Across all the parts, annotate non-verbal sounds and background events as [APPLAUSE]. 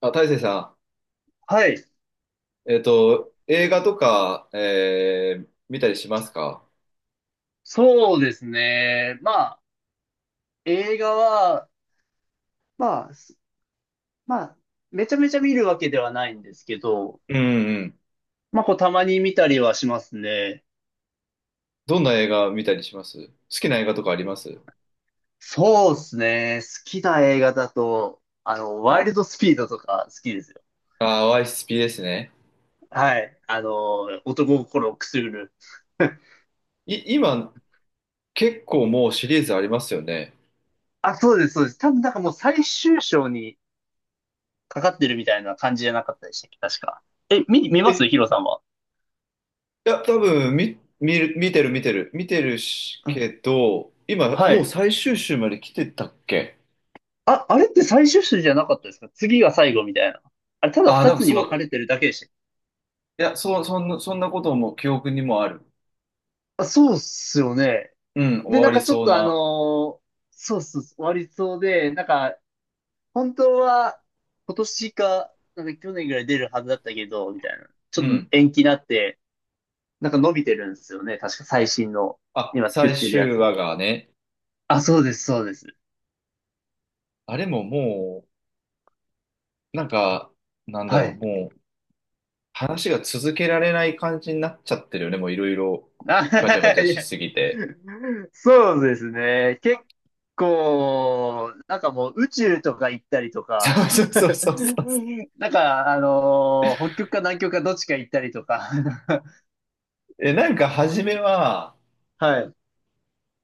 あ、大成さはい。ん、映画とか、見たりしますか？そうですね。まあ、映画は、まあ、すまあ、めちゃめちゃ見るわけではないんですけど、うんうん。まあ、こう、たまに見たりはしますね。どんな映画見たりします？好きな映画とかあります？そうですね。好きな映画だと、ワイルドスピードとか好きですよ。YSP ですね。はい。男心をくすぐる。[LAUGHS] 今、結構もうシリーズありますよね。あ、そうです、そうです。多分なんかもう最終章にかかってるみたいな感じじゃなかったでしたっけ、確か。見え、ますいヒロさんは？や、多分、見る、見てる見てる、見てるし、うん。けど、今、はもうい。最終週まで来てたっけ？あ、あれって最終種じゃなかったですか？次が最後みたいな。あれ、ただ二多分つにそ分かう、れてるだけでしたっけ？いや、そう、そんなことも記憶にもある。あ、そうっすよね。うん、終で、なわんりかちょっそうとな。ーそうそうそう、終わりそうで、なんか、本当は今年か、なんか去年ぐらい出るはずだったけど、みたいな。ちょうっとん。延期になって、なんか伸びてるんですよね。確か最新の、あ、今作っ最てるや終つ話は。がね。あ、そうです、そうです。あれももう、なんか、なんだはろう、い。もう、話が続けられない感じになっちゃってるよね、もういろいろ、ガチャガチあ、[LAUGHS] ャいしや、すぎて。そうですね。結構、なんかもう宇宙とか行ったりとか、そうそうそうそうそう。なんか、北極か南極かどっちか行ったりとか、[LAUGHS] え、なんか初めは、はい。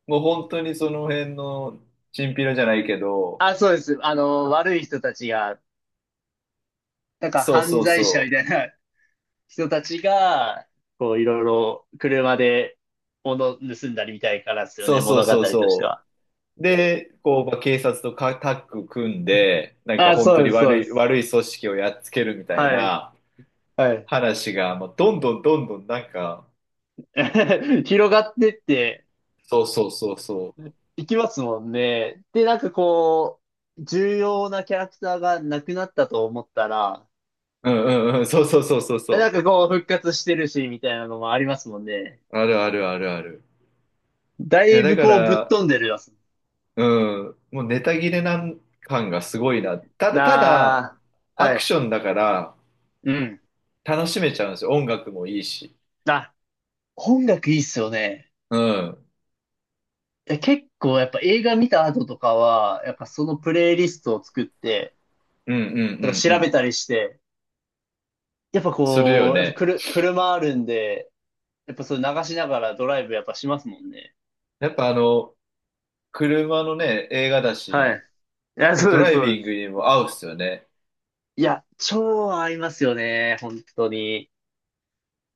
もう本当にその辺の、チンピラじゃないけど、あ、そうです。悪い人たちが、なんかそう犯そう罪そ者みう。たいな人たちが、こう、いろいろ車で物盗んだりみたいからですよそね、うそう物語そうとしてそは。う。で、こう、まあ、警察とかタッグ組んで、なんかあ、本当そうにです、そうで悪い、す。悪い組織をやっつけるみたいはい、なはい。話が、もうどんどんどんどんなんか、[LAUGHS] 広がってって、そうそうそうそう。行きますもんね。で、なんかこう、重要なキャラクターがなくなったと思ったら、うんうんうん、そうそうそうそうなそんかこう復活してるし、みたいなのもありますもんね。う。あるあるあるある。だいや、いだぶかこうぶっら、飛んでるやつ。うん、もうネタ切れなん感がすごいな。ただ、なあ、アはクい。ションだからうん。楽しめちゃうんですよ。音楽もいいし。あ、音楽いいっすよね。うん、うん結構やっぱ映画見た後とかは、やっぱそのプレイリストを作って、うんうとかんう調べん。たりして、やっぱするよこう、やっぱね。車あるんで、やっぱそれ流しながらドライブやっぱしますもんね。やっぱあの、車のね、映画だし、はい。いや、そドうでラす、イそうビでングす。にも合うっすよね。いや、超合いますよね。本当に。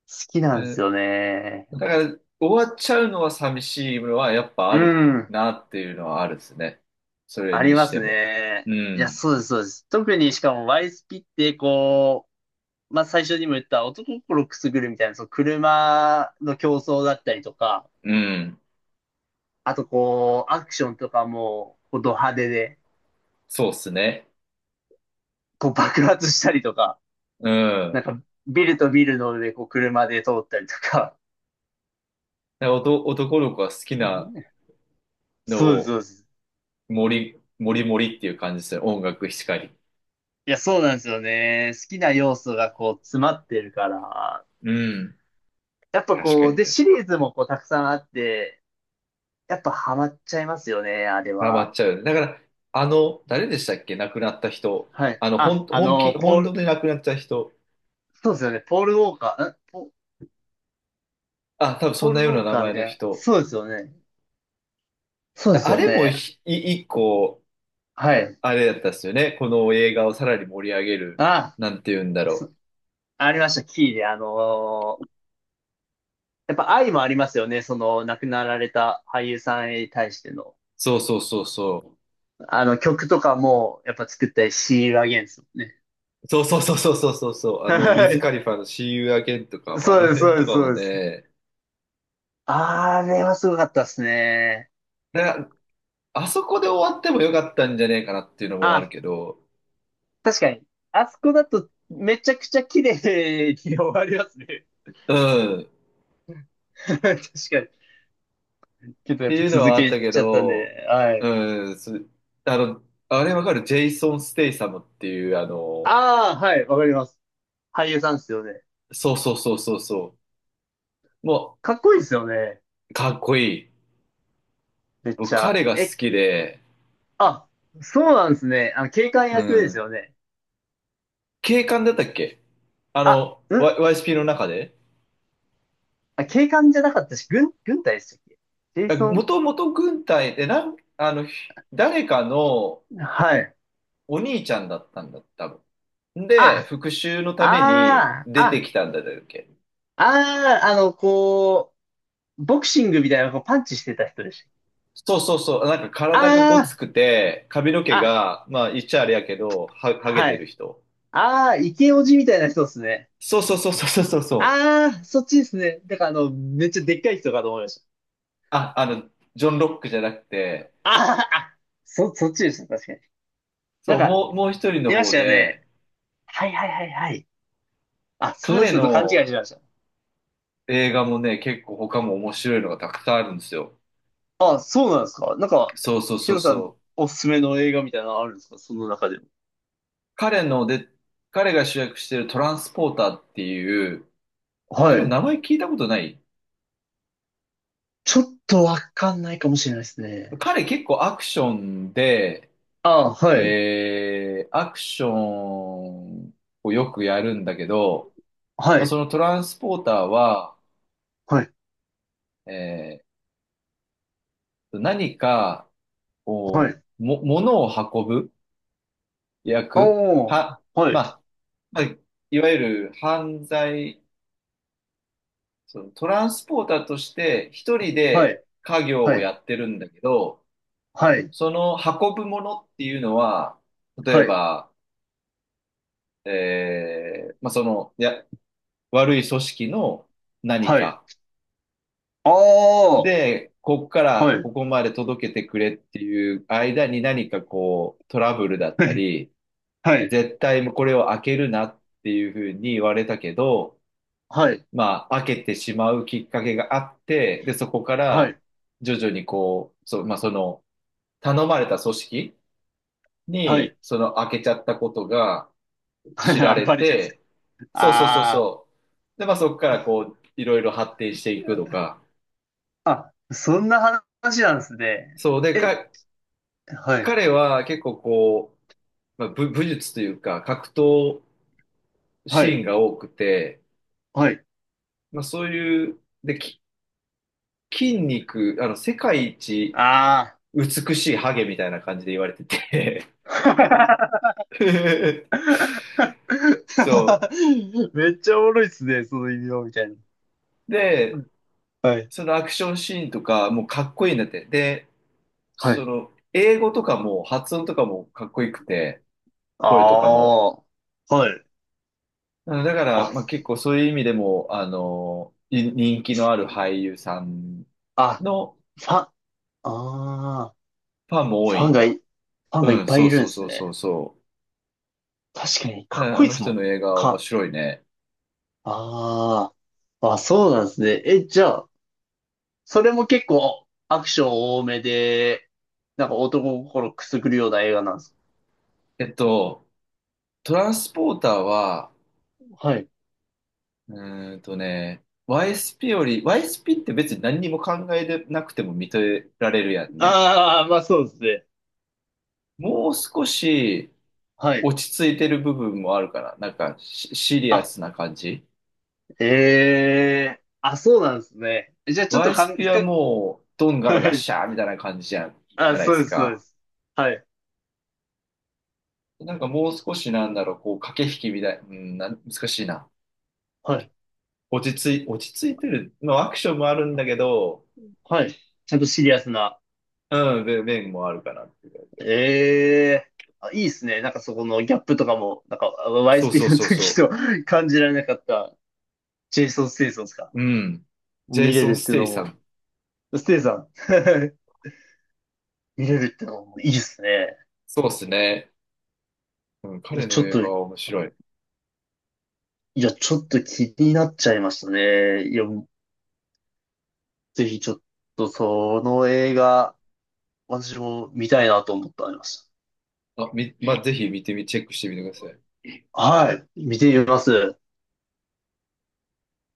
好きなんでうすんよね。だから、終わっちゃうのは寂しいのはやっぱうあるん。なっていうのはあるですね。それありにましてすも。ね。ういや、ん、そうです、そうです。特にしかもワイスピって、こう、まあ、最初にも言った男心くすぐるみたいな、その車の競争だったりとか、うん。あとこう、アクションとかも、こう、ド派手で、そうっすね。こう、爆発したりとか、うなん。んか、ビルとビルの上、こう、車で通ったりとか。なんか男の子が好きうなん。のそうです、そを、うです。もりもりっていう感じですよ。音楽しかり。いや、そうなんですよね。好きな要素がこう詰まってるから。うん。やっぱ確かこにう、で、確かシに。リーズもこうたくさんあって、やっぱハマっちゃいますよね、あれハマっは。ちゃう。だから、あの、誰でしたっけ？亡くなった人。はい。あの、ほあ、ん、本気、ポー本当でル、亡くなった人。そうですよね。あ、多分ポそんールなウようなォー名カーみ前のたいな。人。そうですよね。そうですあよれもね。一個、はい。あれだったっすよね。この映画をさらに盛り上げる。あ、なんて言うんだろそう。ありました、キーで。やっぱ愛もありますよね。その亡くなられた俳優さんに対しての。そうそうそうそう。あの曲とかも、やっぱ作ったり、シールアゲンストもね。そうそうそうそうそうそうそう、あはの、ウィズ・カい。リファの See You Again とかも、あそのうです、辺そうとです、かそもうです。ね、あれはすごかったですね。な、あそこで終わってもよかったんじゃねえかなっていうのもあるあ、けど、確かに。あそこだとめちゃくちゃ綺麗に終わりますね。うん、っ [LAUGHS] 確かに。けどやてっぱいうの続はあったけけちゃったんど、で、はい。うん、あの、あれわかるジェイソン・ステイサムっていう、あの、ああ、はい、わかります。俳優さんですよね。そうそうそうそうそう、もかっこいいですよね。う、かっこいい。めっ僕、ちゃ。彼が好きで、あ、そうなんですね。警官う役ですん、よね。警官だったっけ？ああ、の、YSP の中であ、警官じゃなかったし、軍隊でしたっけ？ジェイソン、もともと軍隊で、あの、誰かのはい。お兄ちゃんだったんだ、多分。で、あ、復讐のためにああ、出てあ、きたんだっけ。ああ、こう、ボクシングみたいな、こう、パンチしてた人でしそうそうそう。なんかた。体がごつあくて、髪の毛あ、が、まあ言っちゃあれやけど、あ、はげはてるい。人。ああ、イケオジみたいな人ですね。そうそうそうそうそうそう。ああ、そっちですね。だから、めっちゃでっかい人かと思いました。あ、あの、ジョン・ロックじゃなくて、あーあ、そっちですね。確かに。なそんう、か、もう、もう一人のいまし方たよで、ね。はい、はい、はい、はい。あ、その彼人と勘違いのしてました。映画もね、結構他も面白いのがたくさんあるんですよ。あ、そうなんですか？なんか、そうそうヒそうロさん、そう。おすすめの映画みたいなのあるんですか、その中でも？彼ので、彼が主役してるトランスポーターっていう、多は分い。名前聞いたことない？ちょっとわかんないかもしれないですね。彼結構アクションで、ああ、はい。アクションをよくやるんだけど、はまあ、い。そのトランスポーターは、はい。え何かはを、い。物を運ぶ役おー。は、はまい。あ、まあ、いわゆる犯罪、そのトランスポーターとして一人はでい。家業はをやい。ってるんだけど、はい。その運ぶものっていうのは、例えはい。ば、まあ、その、いや、悪い組織の何はい。かあー。で、ここかはらい。ここまで届けてくれっていう間に何かこうトラブルだった [LAUGHS] り、はい。絶対これを開けるなっていうふうに言われたけど、はい。まあ開けてしまうきっかけがあって、で、そこかはらい。徐々にこう、そう、まあその頼まれた組織はにい。[LAUGHS] その開けちゃったことが、はい。知らあ、れバレちゃうんですか？て、そうそうそうあそう。で、まあそこからこう、いろいろ発展していくとー。か。あ、そんな話なんですね。そう。で、え、はい。彼は結構こう、まあ、武術というか、格闘はシーンい。が多くて、はい。まあそういう、で、筋肉、あの、世界一あ美しいハゲみたいな感じで言われてて ー。[LAUGHS]。そ [LAUGHS] めっちゃおもろいっすね、その異名みたいな。う。で、はい。そのアクションシーンとか、もうかっこいいんだって。で、はそい。の、英語とかも、発音とかもかっこよくて、あ声とかも。あ。はい。うんだから、あ、まあ、結構そういう意味でも、あの、人気のある俳優さんあ、のああ。ファンも多い。ファンがいっうん、ぱそいいうるんそでうすそうそね。うそ確かに、う。かうっんこあいいのですも人ん。の映画は面か、白いね。ああ、あ、そうなんですね。じゃあ、それも結構アクション多めで、なんか男心くすぐるような映画なんですか？えっと、トランスポーターは、はい。うーんとね、YSP より、YSP って別に何にも考えてなくても認められるやんね。ああ、まあそうですね。もう少しはい。落ち着いてる部分もあるから、なんかシシリアあ、スな感じ。ええーあ、そうなんですね。じゃあちょっワとイスピは深く、もう、どんがはらがっい。しゃーみたいな感じじゃん、じあ、ゃないでそうすです、そうでか。す。はい。なんかもう少しなんだろう、こう、駆け引きみたい、うん、難しいな。はい。落ち着いてる。まあ、アクションもあるんだけど、はい。ちゃんとシリアスな。うん、面面もあるかなっていう。ええいいっすね。なんかそこのギャップとかも、なんか そうそう YSP のそう時そと [LAUGHS] 感じられなかったジェイソン・ステイソンですか？う。うん。ジェ見イれソン・るっスていうテイのさも、ん。ステイさん [LAUGHS] 見れるっていうのもいいっすね。そうですね。うん、彼ちのょっ映画と、いは面白い。や、ちょっと気になっちゃいましたね。いや、ぜひちょっとその映画、私も見たいなと思ってありましあ、まあ、ぜひ見てみ、チェックしてみてください。た。はい、見てみます。